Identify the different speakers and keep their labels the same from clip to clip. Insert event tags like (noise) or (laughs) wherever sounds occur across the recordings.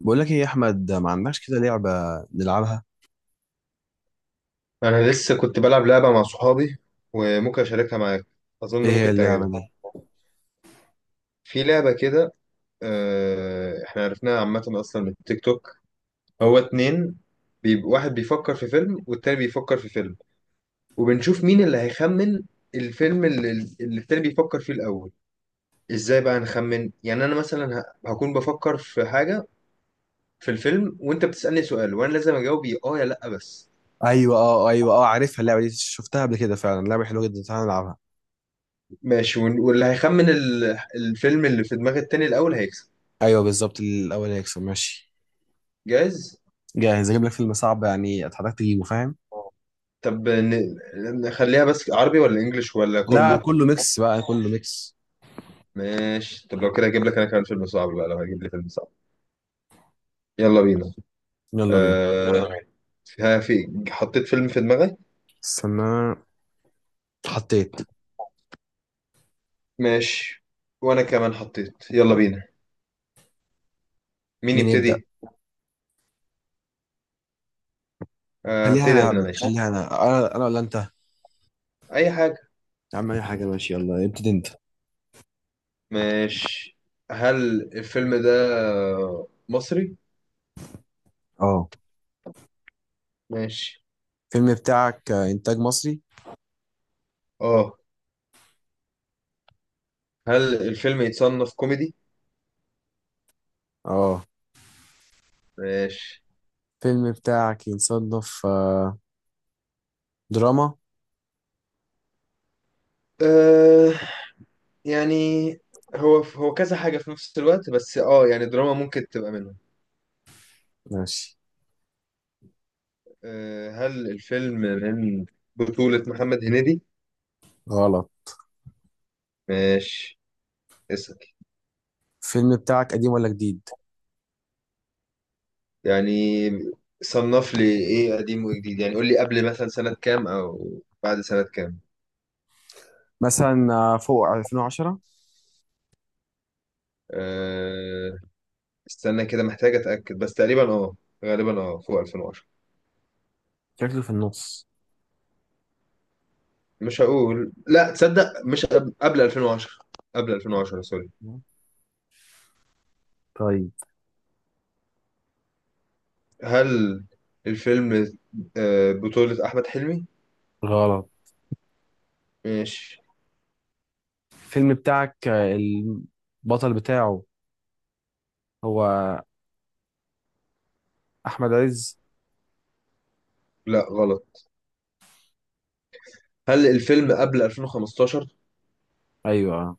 Speaker 1: بقول لك ايه يا احمد، ما عندكش كده لعبه نلعبها؟
Speaker 2: انا لسه كنت بلعب لعبه مع صحابي وممكن اشاركها معاك. اظن
Speaker 1: ايه هي
Speaker 2: ممكن
Speaker 1: اللعبه
Speaker 2: تعجبك.
Speaker 1: دي؟
Speaker 2: في لعبه كده. احنا عرفناها عامه اصلا من التيك توك. هو اتنين. واحد بيفكر في فيلم والتاني بيفكر في فيلم، وبنشوف مين اللي هيخمن الفيلم اللي التاني بيفكر فيه الاول. ازاي بقى نخمن؟ يعني انا مثلا هكون بفكر في حاجه في الفيلم، وانت بتسالني سؤال وانا لازم اجاوب يا اه يا لا بس.
Speaker 1: ايوه، اه، ايوه، اه، عارفها اللعبه دي، شفتها قبل كده فعلا، لعبه حلوه جدا، تعالى نلعبها.
Speaker 2: ماشي، واللي هيخمن الفيلم اللي في دماغ التاني الاول هيكسب.
Speaker 1: ايوه بالظبط، الاول هيكسب، ماشي.
Speaker 2: جاهز.
Speaker 1: جاهز؟ اجيب لك فيلم صعب يعني، اتحداك تجيبه، فاهم؟
Speaker 2: طب ن- نخليها بس عربي ولا انجليش ولا
Speaker 1: لا لا،
Speaker 2: كله؟
Speaker 1: كله ميكس بقى، كله ميكس.
Speaker 2: ماشي، طب لو كده اجيب لك انا كمان فيلم صعب بقى لو هجيب لي فيلم صعب. يلا بينا، يلا.
Speaker 1: يلا بينا.
Speaker 2: بينا. ها، في، حطيت فيلم في دماغي.
Speaker 1: استنى، حطيت.
Speaker 2: ماشي، وانا كمان حطيت. يلا بينا. مين
Speaker 1: مين يبدا؟
Speaker 2: يبتدي؟
Speaker 1: خليها
Speaker 2: هبتدي
Speaker 1: انا
Speaker 2: انا.
Speaker 1: هبدا،
Speaker 2: ماشي.
Speaker 1: خليها انا ولا انت؟
Speaker 2: اي حاجة.
Speaker 1: يا عم اي حاجه، ماشي، يلا ابتدي انت.
Speaker 2: ماشي، هل الفيلم ده مصري؟
Speaker 1: اه.
Speaker 2: ماشي.
Speaker 1: الفيلم بتاعك انتاج مصري؟
Speaker 2: اه. هل الفيلم يتصنف كوميدي؟
Speaker 1: اه.
Speaker 2: ماشي.
Speaker 1: الفيلم بتاعك ينصنف دراما،
Speaker 2: آه، يعني هو هو كذا حاجة في نفس الوقت، بس اه يعني دراما ممكن تبقى منهم.
Speaker 1: ماشي.
Speaker 2: هل الفيلم من بطولة محمد هنيدي؟
Speaker 1: غلط.
Speaker 2: ماشي. اسأل.
Speaker 1: الفيلم بتاعك قديم ولا جديد؟
Speaker 2: يعني صنف لي ايه قديم وجديد؟ يعني قول لي قبل مثلا سنة كام او بعد سنة كام.
Speaker 1: مثلا فوق 2010.
Speaker 2: أه، استنى كده، محتاج اتأكد. بس تقريبا اه غالبا اه فوق 2010.
Speaker 1: شكله في النص،
Speaker 2: مش هقول لا تصدق، مش قبل 2010. قبل 2010 سوري.
Speaker 1: طيب.
Speaker 2: هل الفيلم بطولة أحمد حلمي؟
Speaker 1: غلط.
Speaker 2: ماشي.
Speaker 1: الفيلم بتاعك البطل بتاعه هو أحمد عز؟
Speaker 2: لا غلط. هل الفيلم قبل 2015؟
Speaker 1: أيوة.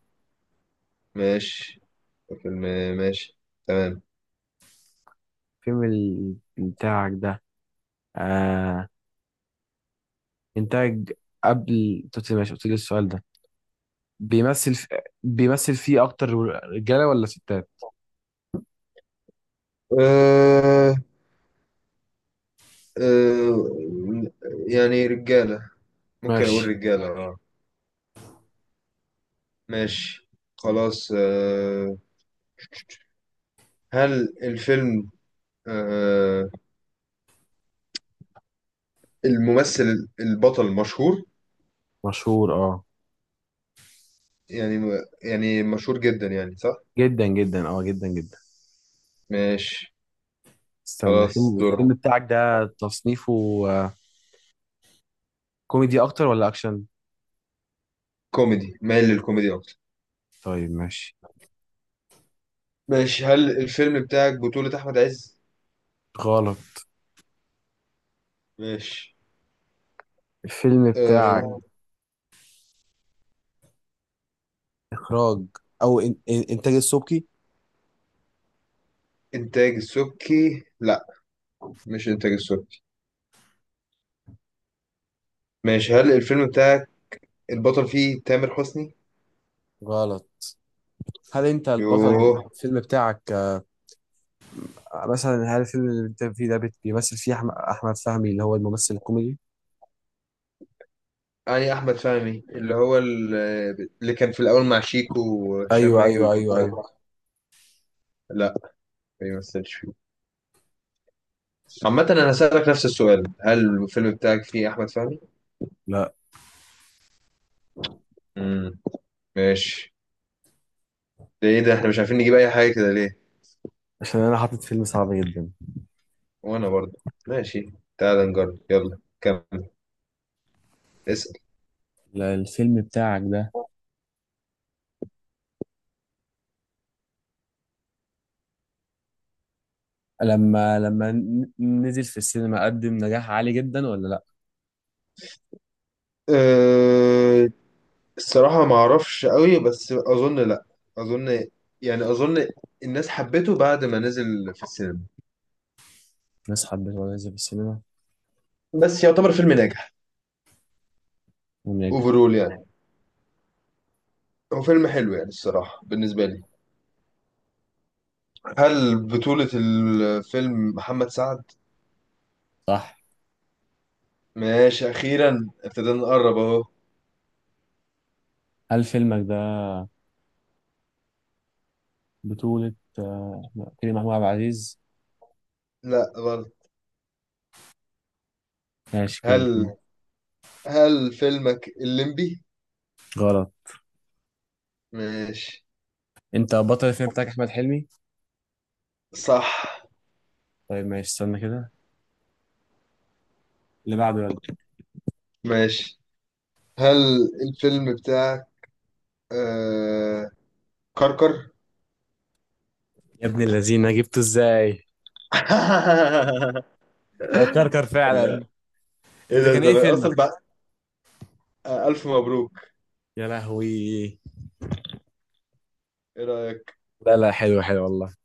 Speaker 2: ماشي. الفيلم. ماشي. تمام.
Speaker 1: الفيلم بتاعك ده آه إنتاج، قبل توتي ماشي قلت لي السؤال ده. بيمثل في... بيمثل فيه أكتر رجالة ولا ستات؟
Speaker 2: أه. أه. يعني رجالة. ممكن أقول
Speaker 1: ماشي.
Speaker 2: رجالة اه. ماشي. خلاص أه. هل الفيلم، أه، الممثل البطل مشهور؟
Speaker 1: مشهور، اه،
Speaker 2: يعني، يعني مشهور جدا يعني، صح؟
Speaker 1: جدا جدا، اه، جدا جدا.
Speaker 2: ماشي.
Speaker 1: استنى.
Speaker 2: خلاص
Speaker 1: الفيلم
Speaker 2: دور.
Speaker 1: الفيلم بتاعك ده تصنيفه آه، كوميدي اكتر ولا اكشن؟
Speaker 2: كوميدي، مايل للكوميدي أكتر.
Speaker 1: طيب ماشي.
Speaker 2: ماشي، هل الفيلم بتاعك بطولة أحمد عز؟
Speaker 1: غلط.
Speaker 2: ماشي.
Speaker 1: الفيلم بتاعك
Speaker 2: أه.
Speaker 1: اخراج او إن انتاج السبكي؟
Speaker 2: إنتاج السبكي؟ لا، مش إنتاج السبكي. ماشي، هل الفيلم بتاعك البطل فيه تامر حسني؟
Speaker 1: غلط. هل انت البطل؟
Speaker 2: يوه.
Speaker 1: الفيلم بتاعك مثلا، هل الفيلم اللي انت فيه ده بيمثل فيه احمد فهمي اللي هو الممثل الكوميدي؟
Speaker 2: يعني أحمد فهمي اللي هو اللي كان في الأول مع شيكو وهشام
Speaker 1: ايوه، ايوه،
Speaker 2: ماجد
Speaker 1: ايوه، ايوه.
Speaker 2: وبتاع. لا، ما يمثلش فيه. عامة أنا هسألك نفس السؤال، هل الفيلم بتاعك فيه أحمد فهمي؟
Speaker 1: لا.
Speaker 2: امم. ماشي. ده إيه ده، إحنا مش عارفين نجيب أي حاجة كده ليه؟
Speaker 1: عشان انا حاطط فيلم صعب جدا.
Speaker 2: وأنا برضه. ماشي. تعال نجرب، يلا كمل. اسأل.
Speaker 1: لا، الفيلم بتاعك ده لما نزل في السينما قدم نجاح عالي جدا ولا لا؟
Speaker 2: أه... الصراحة ما اعرفش قوي، بس اظن لا. اظن، يعني اظن الناس حبته بعد ما نزل في السينما.
Speaker 1: ناس حبته ولا نزل في السينما
Speaker 2: بس يعتبر فيلم ناجح
Speaker 1: ونجح؟
Speaker 2: اوفرول يعني. هو فيلم حلو يعني، الصراحة بالنسبة لي. هل بطولة الفيلم محمد سعد؟
Speaker 1: صح.
Speaker 2: ماشي، أخيرا ابتدينا نقرب أهو.
Speaker 1: هل فيلمك ده بطولة لا، كريم محمود عبد العزيز؟
Speaker 2: لا غلط.
Speaker 1: ماشي قول.
Speaker 2: هل، هل فيلمك الليمبي؟
Speaker 1: غلط.
Speaker 2: ماشي.
Speaker 1: انت بطل الفيلم بتاعك احمد حلمي؟
Speaker 2: صح.
Speaker 1: طيب ماشي، استنى كده، اللي بعده يلا.
Speaker 2: ماشي. هل الفيلم بتاعك، آه... كركر؟
Speaker 1: يا ابن اللذينه جبته ازاي؟ هو كركر فعلا.
Speaker 2: (laughs) ايه
Speaker 1: انت
Speaker 2: ده،
Speaker 1: كان
Speaker 2: ده
Speaker 1: ايه
Speaker 2: انا
Speaker 1: فيلمك؟
Speaker 2: اصلا بقى، الف مبروك.
Speaker 1: يا لهوي.
Speaker 2: ايه رايك؟
Speaker 1: لا لا، حلو حلو والله.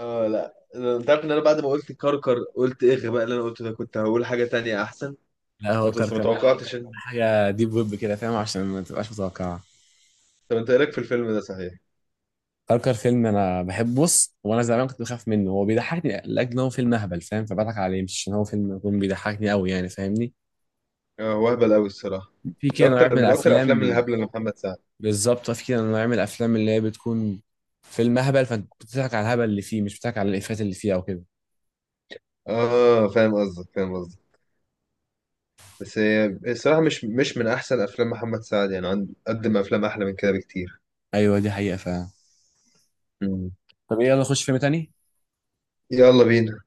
Speaker 2: اه لا، انت عارف ان انا بعد ما قلت كركر قلت ايه الغباء اللي انا قلته ده، كنت هقول حاجه تانية احسن.
Speaker 1: لا هو
Speaker 2: ما
Speaker 1: كركر أنا قلت
Speaker 2: توقعتش
Speaker 1: حاجه ديب ويب كده، فاهم؟ عشان ما تبقاش متوقعه.
Speaker 2: طب انت ايه رايك في الفيلم ده صحيح؟
Speaker 1: كركر فيلم انا بحب، بص وانا زمان كنت بخاف منه، هو بيضحكني لاجل ان هو فيلم اهبل، فاهم؟ فبضحك عليه مش عشان هو فيلم يكون بيضحكني قوي يعني، فاهمني؟
Speaker 2: اه هو اهبل قوي الصراحه.
Speaker 1: في
Speaker 2: ده
Speaker 1: كده
Speaker 2: اكتر
Speaker 1: نوع من
Speaker 2: من اكتر
Speaker 1: الافلام.
Speaker 2: الافلام الهبله لمحمد سعد.
Speaker 1: بالظبط، في كده نوع من الافلام اللي هي بتكون فيلم هبل، فانت بتضحك على الهبل اللي فيه، مش بتضحك على الافيهات اللي فيه او كده.
Speaker 2: اه، فاهم قصدك، فاهم قصدك. بس هي الصراحه مش من احسن افلام محمد سعد يعني، عند قدم افلام احلى من كده بكتير.
Speaker 1: ايوه دي حقيقه فعلا.
Speaker 2: مم.
Speaker 1: طب يلا نخش فيلم تاني.
Speaker 2: يلا بينا.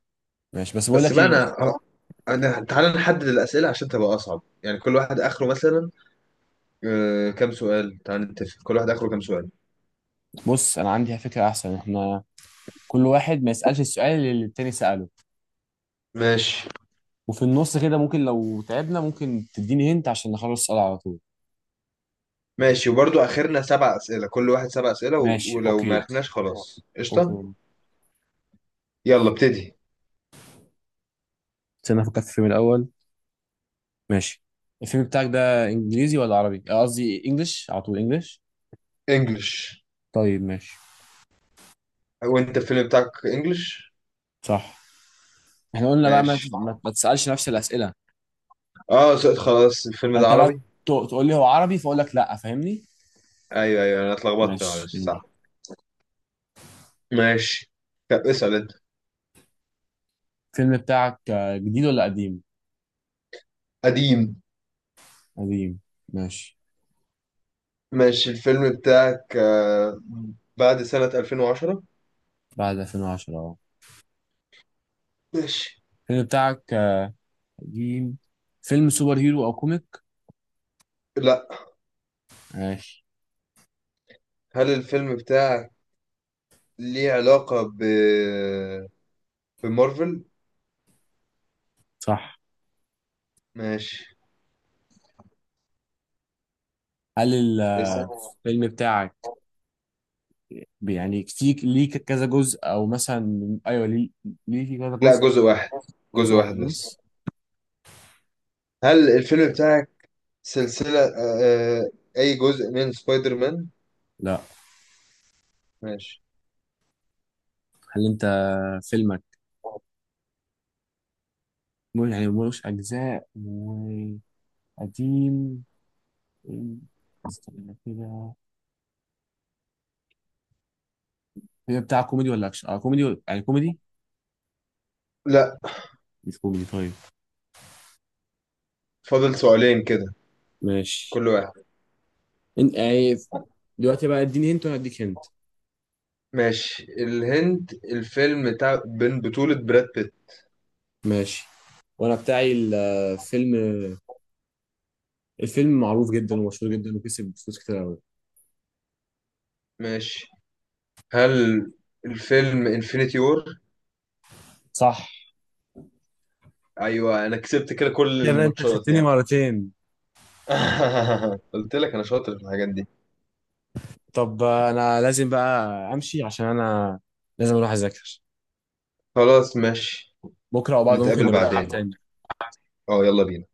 Speaker 1: ماشي، بس بقول
Speaker 2: بس
Speaker 1: لك
Speaker 2: بقى
Speaker 1: ايه،
Speaker 2: انا، تعالى نحدد الاسئله عشان تبقى اصعب، يعني كل واحد اخره مثلا كام سؤال. تعال نتفق كل واحد اخره كام سؤال.
Speaker 1: بص انا عندي فكره احسن، احنا كل واحد ما يسالش السؤال اللي التاني ساله.
Speaker 2: ماشي.
Speaker 1: وفي النص كده ممكن لو تعبنا ممكن تديني هنت عشان نخلص السؤال على طول.
Speaker 2: ماشي، وبرضو اخرنا 7 اسئله، كل واحد 7 اسئله،
Speaker 1: ماشي،
Speaker 2: ولو ما
Speaker 1: اوكي،
Speaker 2: عرفناش خلاص قشطه.
Speaker 1: اوكي.
Speaker 2: يلا ابتدي.
Speaker 1: استنى افكر في الفيلم الاول. ماشي. الفيلم بتاعك ده انجليزي ولا عربي، قصدي انجلش على طول، انجلش؟
Speaker 2: انجلش.
Speaker 1: طيب ماشي.
Speaker 2: وانت الفيلم بتاعك انجلش؟
Speaker 1: صح. احنا قلنا بقى ما
Speaker 2: ماشي.
Speaker 1: ت- ما ما تسألش نفس الأسئلة.
Speaker 2: خلاص الفيلم ده
Speaker 1: فأنت بقى
Speaker 2: عربي.
Speaker 1: تقول لي هو عربي فأقول لك لأ، فاهمني؟
Speaker 2: ايوه ايوه، انا اتلخبطت
Speaker 1: ماشي
Speaker 2: معلش، صح.
Speaker 1: يلا.
Speaker 2: ماشي. طب اسال انت.
Speaker 1: الفيلم بتاعك جديد ولا قديم؟
Speaker 2: قديم.
Speaker 1: قديم، ماشي.
Speaker 2: ماشي، الفيلم بتاعك بعد سنه 2010.
Speaker 1: بعد 2010، اه.
Speaker 2: ماشي.
Speaker 1: الفيلم بتاعك قديم، فيلم سوبر هيرو أو كوميك؟
Speaker 2: لا.
Speaker 1: ماشي.
Speaker 2: هل الفيلم بتاعك ليه علاقه ب بمارفل؟
Speaker 1: صح.
Speaker 2: ماشي.
Speaker 1: هل
Speaker 2: اسم.
Speaker 1: الفيلم بتاعك يعني كتير، ليه كذا جزء أو مثلا، أيوه ليه، ليه في كذا
Speaker 2: لا،
Speaker 1: جزء؟
Speaker 2: جزء واحد. جزء
Speaker 1: جزء واحد
Speaker 2: واحد بس.
Speaker 1: بس.
Speaker 2: هل الفيلم بتاعك سلسلة، أي جزء من سبايدر مان؟
Speaker 1: لا.
Speaker 2: ماشي.
Speaker 1: هل أنت فيلمك يعني ملوش أجزاء، قديم، إيه، استنى كده، هي بتاع كوميدي ولا اكشن، اه كوميدي يعني كوميدي؟
Speaker 2: لا.
Speaker 1: مش كوميدي، طيب
Speaker 2: فاضل سؤالين كده.
Speaker 1: ماشي.
Speaker 2: كل واحد.
Speaker 1: انت يعني دلوقتي بقى اديني هنت وانا اديك هنت.
Speaker 2: ماشي. الهند الفيلم بتاع بين بطولة براد بيت.
Speaker 1: ماشي، وانا بتاعي الفيلم، الفيلم معروف جدا ومشهور جدا وكسب فلوس كتير قوي.
Speaker 2: ماشي. هل الفيلم انفينيتي وور؟
Speaker 1: صح.
Speaker 2: أيوة، أنا كسبت كده كل
Speaker 1: يعني انت
Speaker 2: الماتشات
Speaker 1: كسبتني
Speaker 2: يعني.
Speaker 1: مرتين.
Speaker 2: (laughs) قلت لك أنا شاطر في الحاجات دي.
Speaker 1: طب انا لازم بقى امشي، عشان انا لازم اروح اذاكر.
Speaker 2: خلاص ماشي.
Speaker 1: بكره او بعده ممكن
Speaker 2: نتقابل
Speaker 1: نبقى نلعب
Speaker 2: بعدين.
Speaker 1: تاني.
Speaker 2: اه يلا بينا.